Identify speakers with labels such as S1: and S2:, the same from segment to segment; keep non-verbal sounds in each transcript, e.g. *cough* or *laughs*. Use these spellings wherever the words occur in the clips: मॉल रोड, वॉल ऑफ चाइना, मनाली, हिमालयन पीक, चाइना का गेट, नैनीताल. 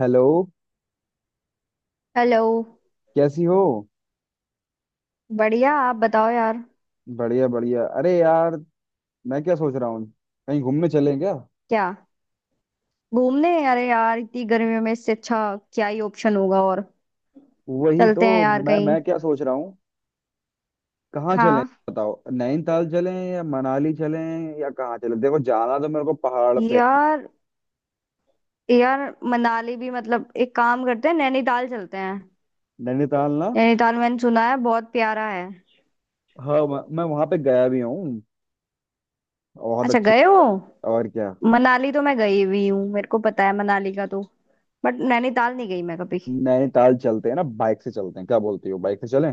S1: Hello.
S2: Hello.
S1: कैसी हो?
S2: बढ़िया, आप बताओ यार।
S1: बढ़िया बढ़िया, अरे यार, मैं क्या सोच रहा हूँ, कहीं घूमने चलें क्या?
S2: क्या? घूमने? अरे यार, इतनी गर्मियों में इससे अच्छा क्या ही ऑप्शन होगा। और
S1: वही तो
S2: चलते हैं यार
S1: मैं
S2: कहीं।
S1: मैं क्या सोच रहा हूँ। कहाँ चलें?
S2: हाँ।
S1: बताओ, नैनीताल चलें या मनाली चलें, या कहाँ चलें? देखो, जाना तो मेरे को पहाड़ पे है।
S2: यार, यार मनाली भी, मतलब एक काम करते हैं, नैनीताल चलते हैं।
S1: नैनीताल ना।
S2: नैनीताल मैंने सुना है बहुत प्यारा है।
S1: हाँ, मैं वहां पे गया भी हूँ। बहुत
S2: अच्छा,
S1: अच्छी।
S2: गए हो?
S1: और क्या।
S2: मनाली तो मैं गई हुई हूँ, मेरे को पता है मनाली का तो। बट नैनीताल नहीं गई मैं कभी।
S1: नैनीताल चलते हैं ना, बाइक से चलते हैं, क्या बोलती हो, बाइक से चलें?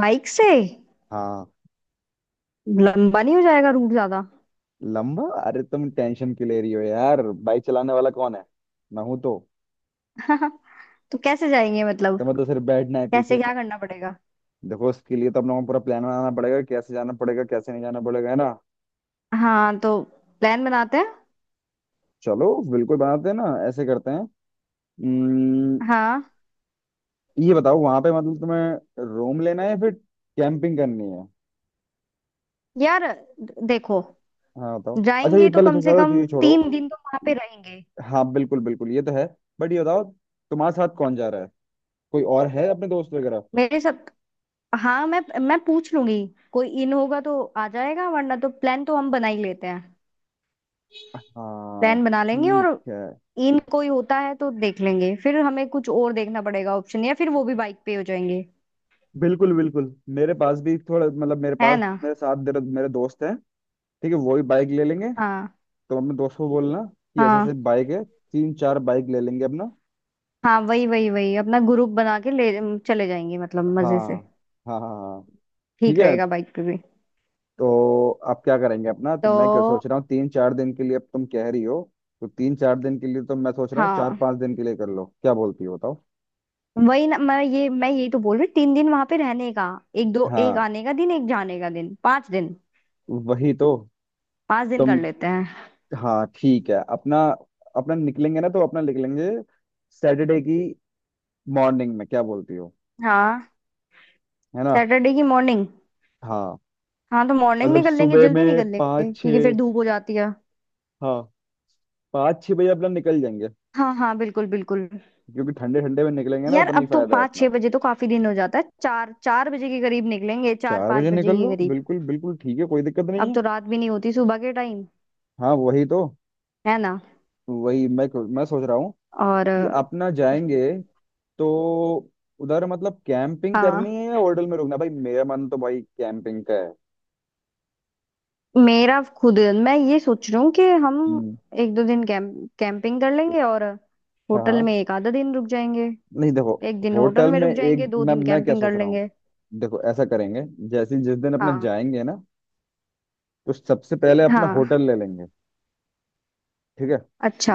S2: बाइक से?
S1: हाँ।
S2: लंबा नहीं हो जाएगा रूट ज्यादा?
S1: लंबा? अरे तुम टेंशन क्यों ले रही हो यार, बाइक चलाने वाला कौन है, मैं हूं तो।
S2: *laughs* तो कैसे जाएंगे मतलब?
S1: तुम्हें तो सिर्फ बैठना है
S2: कैसे?
S1: पीछे।
S2: क्या करना पड़ेगा?
S1: देखो, इसके लिए तो हम लोगों को पूरा प्लान बनाना पड़ेगा, कैसे जाना पड़ेगा कैसे नहीं जाना पड़ेगा, है ना।
S2: हाँ तो प्लान बनाते हैं।
S1: चलो बिल्कुल, बनाते हैं ना, ऐसे करते हैं। उम्म,
S2: हाँ।
S1: ये बताओ वहां पे, मतलब तुम्हें रूम लेना है या फिर कैंपिंग करनी है?
S2: यार देखो,
S1: हाँ बताओ, अच्छा ये
S2: जाएंगे तो
S1: पहले,
S2: कम से
S1: चलो
S2: कम
S1: ये छोड़ो।
S2: तीन दिन तो वहां पे रहेंगे।
S1: हाँ बिल्कुल बिल्कुल, ये तो है। बट ये बताओ, तुम्हारे साथ कौन जा रहा है, कोई और है, अपने दोस्त वगैरह?
S2: मेरे साथ? हाँ, मैं पूछ लूंगी। कोई इन होगा तो आ जाएगा, वरना तो प्लान तो हम बना ही लेते हैं।
S1: हाँ
S2: प्लान बना लेंगे
S1: ठीक
S2: और
S1: है।
S2: इन कोई होता है तो देख लेंगे फिर, हमें कुछ और देखना पड़ेगा ऑप्शन, या फिर वो भी बाइक पे हो जाएंगे।
S1: बिल्कुल बिल्कुल, मेरे पास भी थोड़ा, मतलब मेरे
S2: है
S1: पास,
S2: ना।
S1: मेरे साथ मेरे दोस्त हैं। ठीक है, वही बाइक ले लेंगे।
S2: हाँ,
S1: तो अपने दोस्त को बोलना कि ऐसे ऐसे
S2: हाँ,
S1: बाइक है, 3 4 बाइक ले लेंगे अपना।
S2: हाँ, वही वही वही अपना ग्रुप बना के ले चले जाएंगे मतलब मजे से।
S1: हाँ हाँ हाँ हाँ, ठीक
S2: ठीक
S1: है,
S2: रहेगा बाइक पे भी।
S1: तो आप क्या करेंगे अपना। तो
S2: तो
S1: मैं क्या सोच रहा हूँ 3 4 दिन के लिए, अब तुम कह रही हो तो 3 4 दिन के लिए, तो मैं सोच रहा हूँ चार
S2: हाँ।
S1: पांच दिन के लिए कर लो, क्या बोलती हो बताओ।
S2: वही ना, मैं यही तो बोल रही हूँ, तीन दिन वहां पे रहने का। एक दो, एक
S1: हाँ
S2: आने का दिन, एक जाने का दिन, पांच दिन।
S1: वही तो,
S2: पांच दिन कर
S1: तुम।
S2: लेते हैं।
S1: हाँ ठीक है, अपना, अपना निकलेंगे ना तो अपना निकलेंगे सैटरडे की मॉर्निंग में, क्या बोलती हो,
S2: हाँ।
S1: है ना।
S2: सैटरडे की मॉर्निंग।
S1: हाँ,
S2: हाँ तो मॉर्निंग
S1: मतलब
S2: निकल लेंगे,
S1: सुबह
S2: जल्दी
S1: में
S2: निकल लेंगे
S1: पाँच
S2: क्योंकि
S1: छः।
S2: फिर धूप हो जाती है।
S1: हाँ, 5 6 बजे अपना निकल जाएंगे,
S2: हाँ हाँ, बिल्कुल बिल्कुल।
S1: क्योंकि ठंडे ठंडे में निकलेंगे ना
S2: यार
S1: उतना ही
S2: अब तो
S1: फायदा है
S2: पाँच छह
S1: अपना।
S2: बजे तो काफी दिन हो जाता है, चार चार बजे के करीब निकलेंगे, चार
S1: चार
S2: पाँच
S1: बजे
S2: बजे
S1: निकल
S2: के
S1: लो,
S2: करीब।
S1: बिल्कुल बिल्कुल ठीक है, कोई दिक्कत नहीं
S2: अब
S1: है।
S2: तो रात भी नहीं होती सुबह के टाइम।
S1: हाँ वही तो।
S2: है ना।
S1: वही मैं सोच रहा हूँ
S2: और
S1: कि अपना जाएंगे तो उधर, मतलब कैंपिंग
S2: हाँ।
S1: करनी है या होटल में रुकना? भाई मेरा मन तो भाई कैंपिंग का है।
S2: मेरा खुद, मैं ये सोच रही हूँ कि हम
S1: हम्म।
S2: एक दो दिन कैंपिंग कर लेंगे और
S1: हाँ
S2: होटल
S1: हाँ।
S2: में एक आधा दिन रुक जाएंगे।
S1: नहीं देखो,
S2: एक दिन होटल
S1: होटल
S2: में
S1: में
S2: रुक जाएंगे,
S1: एक,
S2: दो
S1: मैं
S2: दिन
S1: मैं क्या
S2: कैंपिंग कर
S1: सोच रहा हूँ,
S2: लेंगे।
S1: देखो ऐसा करेंगे, जैसे जिस दिन अपना
S2: हाँ।
S1: जाएंगे ना, तो सबसे पहले अपना
S2: हाँ।
S1: होटल ले लेंगे, ठीक है,
S2: अच्छा।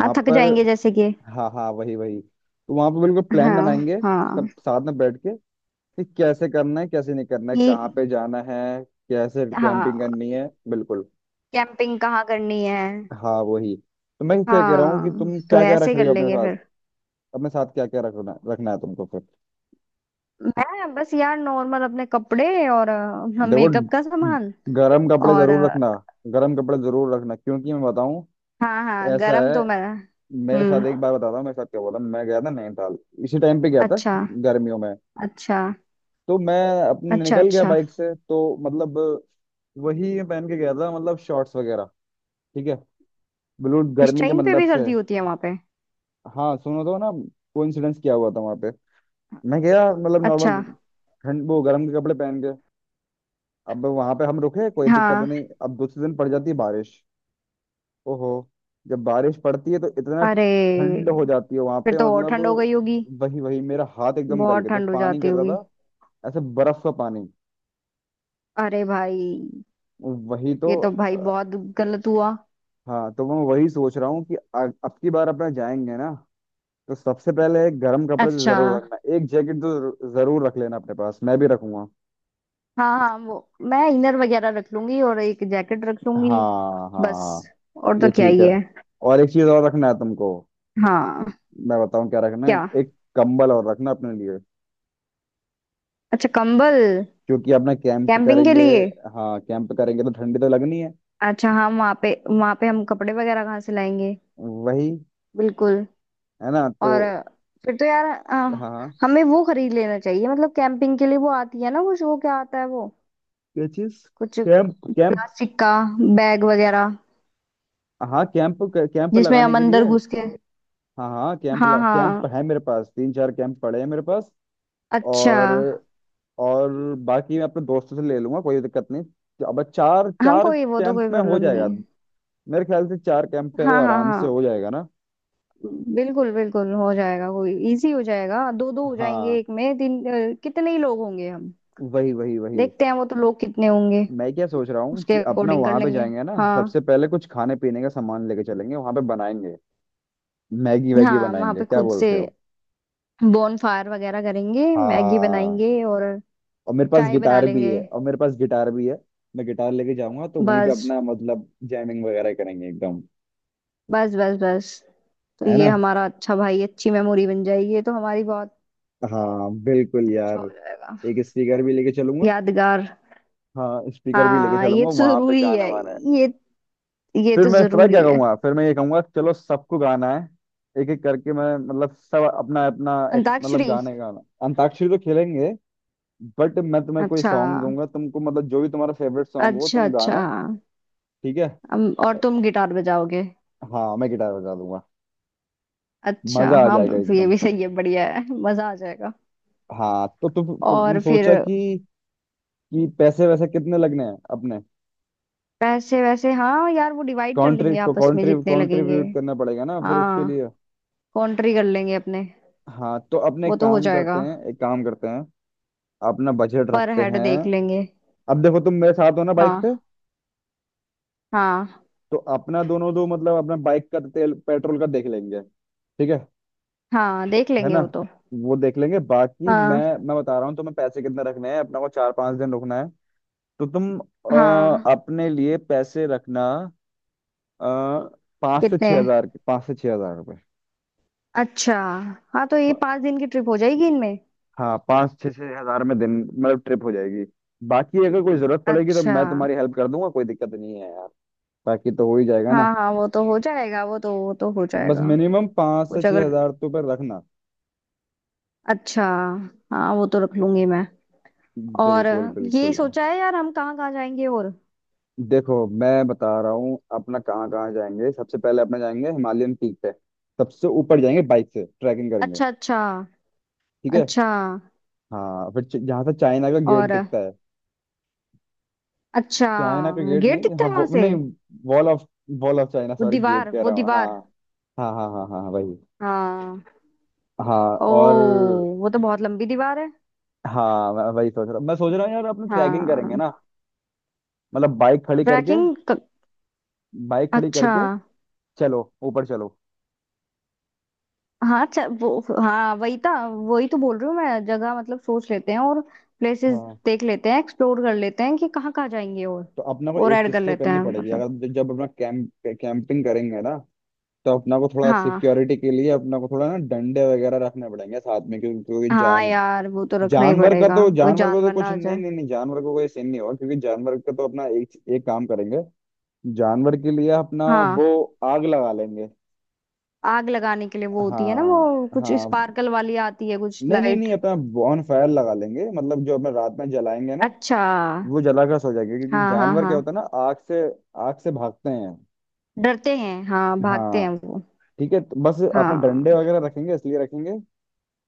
S2: हाँ थक
S1: पर।
S2: जाएंगे जैसे कि।
S1: हाँ हाँ, वही वही, तो वहां पे बिल्कुल प्लान
S2: हाँ।
S1: बनाएंगे,
S2: हाँ।
S1: सब साथ में बैठ के कि कैसे करना है कैसे नहीं करना है,
S2: ये।
S1: कहाँ पे जाना है, कैसे कैंपिंग
S2: हाँ।
S1: करनी है, बिल्कुल।
S2: कैंपिंग कहाँ करनी है?
S1: हाँ वही तो मैं क्या कह रहा हूँ कि
S2: हाँ
S1: तुम
S2: तो
S1: क्या क्या रख
S2: ऐसे कर
S1: रही हो अपने
S2: लेंगे
S1: साथ,
S2: फिर।
S1: अपने साथ क्या क्या रखना रखना है तुमको फिर?
S2: मैं बस यार नॉर्मल अपने कपड़े और हाँ,
S1: देखो,
S2: मेकअप का सामान।
S1: गर्म कपड़े
S2: और
S1: जरूर रखना, गर्म कपड़े जरूर रखना, क्योंकि मैं बताऊँ,
S2: हाँ हाँ
S1: ऐसा
S2: गरम
S1: है,
S2: तो मैं।
S1: मेरे साथ एक
S2: हम्म
S1: बार, बताता हूँ मेरे साथ क्या बोला, मैं गया था नैनीताल, इसी टाइम पे गया था,
S2: अच्छा।
S1: गर्मियों में,
S2: अच्छा,
S1: तो मैं अपने
S2: अच्छा,
S1: निकल गया बाइक से, तो मतलब, वही मैं पहन के गया था, मतलब शॉर्ट्स वगैरह, ठीक है, बिल्कुल
S2: इस
S1: गर्मी के
S2: टाइम पे
S1: मतलब
S2: भी
S1: से।
S2: सर्दी होती है वहां पे?
S1: हाँ सुनो तो ना, कोइंसिडेंस क्या हुआ था वहां पे, मैं गया मतलब
S2: अच्छा,
S1: नॉर्मल ठंड, वो गर्म के कपड़े पहन के, अब वहां पे हम रुके, कोई दिक्कत
S2: हाँ।
S1: नहीं, अब दूसरे दिन पड़ जाती है बारिश। ओहो, जब बारिश पड़ती है तो इतना
S2: अरे।
S1: ठंड हो जाती है वहां
S2: फिर
S1: पे,
S2: तो और
S1: मतलब
S2: ठंड हो गई होगी।
S1: वही वही, मेरा हाथ एकदम गल
S2: बहुत
S1: गए थे,
S2: ठंड हो
S1: पानी
S2: जाती
S1: गिर रहा
S2: होगी।
S1: था, ऐसे बर्फ का पानी।
S2: अरे भाई।
S1: वही तो।
S2: ये तो भाई बहुत गलत हुआ।
S1: हाँ, तो मैं वही सोच रहा हूँ कि अब की बार अपना जाएंगे ना, तो सबसे पहले गर्म कपड़े तो
S2: अच्छा।
S1: जरूर रखना, एक जैकेट तो जरूर रख लेना अपने पास, मैं भी रखूंगा।
S2: हाँ हाँ वो, मैं इनर वगैरह रख लूंगी और एक जैकेट रख लूंगी।
S1: हाँ
S2: बस।
S1: हाँ,
S2: और
S1: ये
S2: तो क्या
S1: ठीक
S2: ही
S1: है।
S2: है।
S1: और एक चीज और रखना है तुमको,
S2: हाँ।
S1: मैं बताऊं क्या रखना है,
S2: क्या?
S1: एक कंबल और रखना अपने लिए,
S2: अच्छा, कंबल?
S1: क्योंकि अपना कैंप
S2: कैंपिंग के
S1: करेंगे।
S2: लिए?
S1: हाँ कैंप करेंगे तो ठंडी तो लगनी है।
S2: अच्छा हम वहाँ पे, वहाँ पे हम कपड़े वगैरह कहाँ से लाएंगे।
S1: वही,
S2: बिल्कुल।
S1: है ना तो।
S2: और फिर तो यार
S1: हाँ हाँ।
S2: हमें वो खरीद लेना चाहिए मतलब, कैंपिंग के लिए वो आती है ना कुछ, वो क्या आता है वो
S1: क्या चीज?
S2: कुछ,
S1: कैंप कैंप।
S2: प्लास्टिक का बैग वगैरह,
S1: हाँ कैंप, कैंप
S2: जिसमें
S1: लगाने
S2: हम
S1: के
S2: अंदर
S1: लिए।
S2: घुस के।
S1: हाँ हाँ कैंप,
S2: हाँ हाँ।
S1: कैंप है मेरे पास, 3 4 कैंप पड़े हैं मेरे पास।
S2: अच्छा।
S1: और और बाकी मैं अपने दोस्तों से ले लूंगा, कोई दिक्कत नहीं, तो अब चार
S2: हाँ
S1: चार
S2: कोई, वो तो
S1: कैंप
S2: कोई
S1: में हो
S2: प्रॉब्लम नहीं
S1: जाएगा।
S2: है।
S1: मेरे ख्याल से 4 कैंप पे तो
S2: हाँ हाँ
S1: आराम से
S2: हाँ।
S1: हो जाएगा ना।
S2: बिल्कुल बिल्कुल हो जाएगा, कोई इजी हो जाएगा, दो दो हो
S1: हाँ
S2: जाएंगे, एक में तीन। कितने ही लोग होंगे हम।
S1: वही वही वही,
S2: देखते हैं वो तो, लोग कितने होंगे।
S1: मैं क्या सोच रहा हूँ
S2: उसके
S1: कि अपना
S2: अकॉर्डिंग कर
S1: वहां पे
S2: लेंगे।
S1: जाएंगे ना,
S2: हाँ।
S1: सबसे पहले कुछ खाने पीने का सामान लेके चलेंगे, वहां पे बनाएंगे, मैगी वैगी
S2: हाँ वहां
S1: बनाएंगे,
S2: पे
S1: क्या
S2: खुद से
S1: बोलते हो।
S2: बोन फायर वगैरह करेंगे, मैगी
S1: हाँ,
S2: बनाएंगे और
S1: और मेरे पास
S2: चाय बना
S1: गिटार भी
S2: लेंगे।
S1: है, और मेरे पास गिटार भी है, मैं गिटार लेके जाऊंगा तो वहीं पे
S2: बस।
S1: अपना मतलब जैमिंग वगैरह करेंगे एकदम,
S2: बस बस बस। तो
S1: है
S2: ये
S1: ना।
S2: हमारा, अच्छा भाई अच्छी मेमोरी बन जाएगी ये तो हमारी, बहुत
S1: हाँ बिल्कुल
S2: अच्छा हो
S1: यार,
S2: जाएगा।
S1: एक स्पीकर भी लेके चलूंगा।
S2: यादगार।
S1: हाँ स्पीकर भी लेके
S2: हाँ ये
S1: चलूंगा,
S2: तो
S1: वहां पे
S2: जरूरी
S1: गाने
S2: है।
S1: वाने हैं।
S2: ये ये
S1: फिर
S2: तो
S1: मैं पता
S2: जरूरी
S1: क्या
S2: है।
S1: कहूंगा, फिर मैं ये कहूंगा, चलो सबको गाना है, एक एक करके, मैं मतलब सब अपना अपना एक, मतलब
S2: अंताक्षरी।
S1: गाने गाना। अंताक्षरी तो खेलेंगे, बट मैं तुम्हें कोई
S2: अच्छा।
S1: सॉन्ग दूंगा तुमको, मतलब जो भी तुम्हारा फेवरेट सॉन्ग हो
S2: अच्छा
S1: तुम
S2: अच्छा।
S1: गाना। ठीक है।
S2: और तुम गिटार बजाओगे?
S1: हाँ मैं गिटार बजा दूंगा।
S2: अच्छा
S1: मजा आ
S2: हाँ,
S1: जाएगा
S2: ये
S1: एकदम।
S2: भी सही है, बढ़िया है, मजा आ जाएगा।
S1: हाँ तो तुम
S2: और फिर?
S1: सोचा कि पैसे वैसे कितने लगने हैं अपने?
S2: पैसे वैसे? हाँ यार वो डिवाइड कर
S1: कंट्री
S2: लेंगे
S1: को
S2: आपस में
S1: कंट्री
S2: जितने लगेंगे।
S1: कंट्रीब्यूट करना पड़ेगा ना फिर उसके
S2: हाँ
S1: लिए।
S2: कॉन्ट्री कर लेंगे अपने।
S1: हाँ तो अपने
S2: वो
S1: एक
S2: तो हो
S1: काम करते
S2: जाएगा।
S1: हैं, एक काम करते हैं, अपना बजट
S2: पर
S1: रखते
S2: हेड
S1: हैं।
S2: देख लेंगे।
S1: अब देखो, तुम मेरे साथ हो ना बाइक पे,
S2: हाँ। हाँ।
S1: तो अपना दोनों दो, मतलब अपना बाइक का तेल पेट्रोल का देख लेंगे, ठीक है
S2: हाँ देख
S1: है
S2: लेंगे
S1: ना,
S2: वो तो।
S1: वो देख लेंगे। बाकी मैं
S2: हाँ।
S1: मैं बता रहा हूँ तुम्हें, पैसे कितने रखने हैं, अपना को 4 5 दिन रुकना है तो तुम
S2: हाँ।
S1: अपने लिए पैसे रखना, अ, पाँच से
S2: कितने?
S1: छह हजार के, 5 से 6 हजार रुपये।
S2: अच्छा। हाँ तो ये
S1: प-
S2: पाँच दिन की ट्रिप हो जाएगी इनमें।
S1: हाँ, पाँच छः 6 हजार में दिन मतलब ट्रिप हो जाएगी। बाकी अगर कोई जरूरत पड़ेगी तो
S2: अच्छा।
S1: मैं तुम्हारी हेल्प कर दूंगा, कोई दिक्कत नहीं है यार। बाकी तो हो ही जाएगा ना,
S2: हाँ हाँ वो तो हो जाएगा, वो तो, वो तो हो
S1: बस
S2: जाएगा।
S1: मिनिमम पाँच से
S2: कुछ
S1: छह
S2: अगर।
S1: हजार तो पर रखना।
S2: अच्छा। हाँ वो तो रख लूंगी मैं। और
S1: बिल्कुल
S2: ये
S1: बिल्कुल।
S2: सोचा है यार हम कहाँ कहाँ जाएंगे और?
S1: देखो मैं बता रहा हूँ अपना कहाँ कहाँ जाएंगे, सबसे पहले अपना जाएंगे हिमालयन पीक पे, सबसे ऊपर जाएंगे, बाइक से ट्रैकिंग करेंगे,
S2: अच्छा अच्छा।
S1: ठीक है।
S2: अच्छा।
S1: हाँ फिर जहाँ से चाइना का गेट
S2: और।
S1: दिखता है,
S2: अच्छा।
S1: चाइना का गेट
S2: गेट
S1: नहीं,
S2: दिखता
S1: हाँ
S2: है वहां
S1: वो,
S2: से?
S1: नहीं, wall of, वॉल ऑफ चाइना,
S2: वो
S1: सॉरी, गेट
S2: दीवार,
S1: कह
S2: वो
S1: रहा हूँ। हाँ
S2: दीवार।
S1: हाँ हाँ हाँ हाँ वही।
S2: हाँ।
S1: हाँ,
S2: ओ,
S1: और
S2: वो तो बहुत लंबी दीवार है।
S1: हाँ, मैं वही सोच रहा हूँ, मैं सोच रहा हूँ यार अपने ट्रैकिंग करेंगे
S2: हाँ।
S1: ना, मतलब बाइक खड़ी करके,
S2: ट्रैकिंग
S1: बाइक खड़ी
S2: अच्छा।
S1: करके, चलो ऊपर चलो।
S2: हाँ अच्छा वो, हाँ वही था, वही तो बोल रही हूँ मैं, जगह मतलब सोच लेते हैं और। प्लेसेस
S1: हाँ,
S2: देख लेते हैं, एक्सप्लोर कर लेते हैं कि कहाँ कहाँ जाएंगे और।
S1: तो अपना को
S2: और
S1: एक
S2: ऐड कर
S1: चीज तो
S2: लेते
S1: करनी
S2: हैं
S1: पड़ेगी,
S2: मतलब।
S1: अगर जब अपना कैंप, कैंपिंग करेंगे ना, तो अपना को थोड़ा
S2: हाँ।
S1: सिक्योरिटी के लिए, अपना को थोड़ा ना डंडे वगैरह रखने पड़ेंगे साथ में, क्योंकि क्योंकि
S2: हाँ यार वो तो रखना ही
S1: जानवर का
S2: पड़ेगा,
S1: तो,
S2: कोई
S1: जानवर को तो
S2: जानवर
S1: कुछ
S2: ना आ
S1: नहीं,
S2: जाए।
S1: नहीं नहीं जानवर को कोई सीन नहीं होगा, क्योंकि जानवर का तो अपना एक एक काम करेंगे, जानवर के लिए अपना, वो
S2: हाँ।
S1: आग लगा लेंगे।
S2: आग लगाने के लिए वो होती है ना, वो
S1: हाँ
S2: कुछ
S1: हाँ,
S2: स्पार्कल वाली आती है कुछ,
S1: नहीं नहीं
S2: लाइट।
S1: नहीं, अपना बॉन फायर लगा लेंगे, मतलब जो अपना रात में जलाएंगे ना,
S2: अच्छा।
S1: वो जला कर सो जाएंगे, क्योंकि
S2: हाँ हाँ
S1: जानवर
S2: हाँ।
S1: क्या होता है ना, आग से, आग से भागते हैं।
S2: डरते हैं हाँ, भागते
S1: हाँ
S2: हैं वो।
S1: ठीक है, तो बस अपना डंडे
S2: हाँ।
S1: वगैरह रखेंगे, इसलिए रखेंगे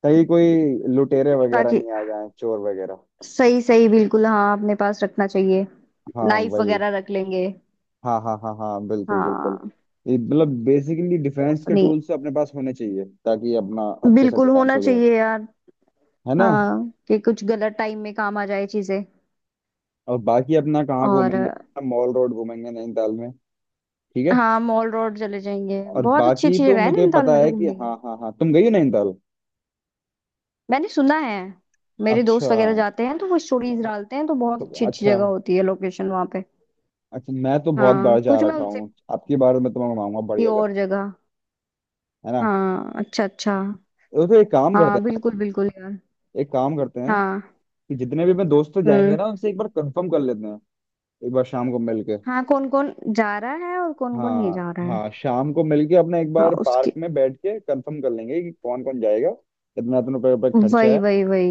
S1: कहीं कोई लुटेरे वगैरह
S2: ताकि,
S1: नहीं आ जाए, चोर वगैरह।
S2: सही सही, बिल्कुल हाँ अपने पास रखना चाहिए।
S1: हाँ
S2: नाइफ
S1: वही।
S2: वगैरह रख लेंगे।
S1: हाँ हाँ हाँ हाँ बिल्कुल बिल्कुल,
S2: हाँ।
S1: ये मतलब बेसिकली डिफेंस के
S2: नहीं,
S1: टूल्स अपने पास होने चाहिए, ताकि अपना अच्छे से
S2: बिल्कुल
S1: डिफेंस
S2: होना
S1: हो जाए,
S2: चाहिए यार।
S1: है ना।
S2: हाँ कि कुछ गलत टाइम में काम आ जाए चीजें।
S1: और बाकी अपना कहाँ
S2: और।
S1: घूमेंगे, मॉल रोड घूमेंगे नैनीताल में, ठीक है।
S2: हाँ मॉल रोड चले जाएंगे,
S1: और
S2: बहुत अच्छी
S1: बाकी
S2: अच्छी
S1: तो
S2: जगह है
S1: मुझे
S2: नैनीताल
S1: पता
S2: में तो
S1: है कि,
S2: घूमने की।
S1: हाँ हाँ हाँ, तुम गई हो नैनीताल,
S2: मैंने सुना है, मेरे
S1: अच्छा।
S2: दोस्त वगैरह जाते हैं तो वो स्टोरीज डालते हैं तो
S1: तो
S2: बहुत अच्छी अच्छी
S1: अच्छा,
S2: जगह होती है, लोकेशन वहाँ पे।
S1: अच्छा, मैं तो बहुत
S2: हाँ
S1: बार जा
S2: कुछ मैं
S1: रखा
S2: उनसे
S1: हूँ, आपकी बार मैं तुम्हें घुमाऊंगा,
S2: की
S1: बढ़िया कर,
S2: और जगह।
S1: है ना।
S2: हाँ अच्छा अच्छा।
S1: तो फिर एक काम करते
S2: हाँ बिल्कुल बिल्कुल यार।
S1: हैं, एक काम करते हैं
S2: हाँ।
S1: कि जितने भी अपने दोस्त जाएंगे
S2: हम्म।
S1: ना, उनसे एक बार कंफर्म कर लेते हैं, एक बार शाम को मिलके।
S2: हाँ कौन कौन जा रहा है और कौन कौन नहीं
S1: हाँ
S2: जा रहा है।
S1: हाँ, शाम को मिलके अपने एक
S2: हाँ
S1: बार पार्क
S2: उसके,
S1: में बैठ के कंफर्म कर लेंगे कि कौन कौन जाएगा, कितना इतना रुपये रुपये खर्चा
S2: वही
S1: है।
S2: वही वही।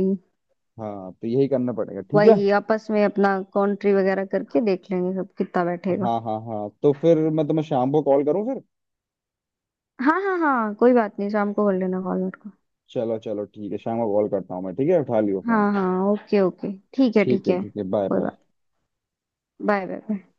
S1: हाँ तो यही करना पड़ेगा, ठीक है।
S2: वही आपस में अपना कॉन्ट्री वगैरह करके देख लेंगे सब कितना बैठेगा।
S1: हाँ हाँ हाँ, तो फिर मैं तुम्हें शाम को कॉल करूँ फिर?
S2: हाँ हाँ हाँ कोई बात नहीं, शाम को कर लेना कॉल मेरे को।
S1: चलो चलो ठीक है, शाम को कॉल करता हूँ मैं, ठीक है, उठा लियो फोन।
S2: हाँ हाँ, ओके ओके, ठीक है
S1: ठीक
S2: ठीक
S1: है
S2: है।
S1: ठीक है, बाय
S2: कोई
S1: बाय।
S2: बात, बाय बाय बाय।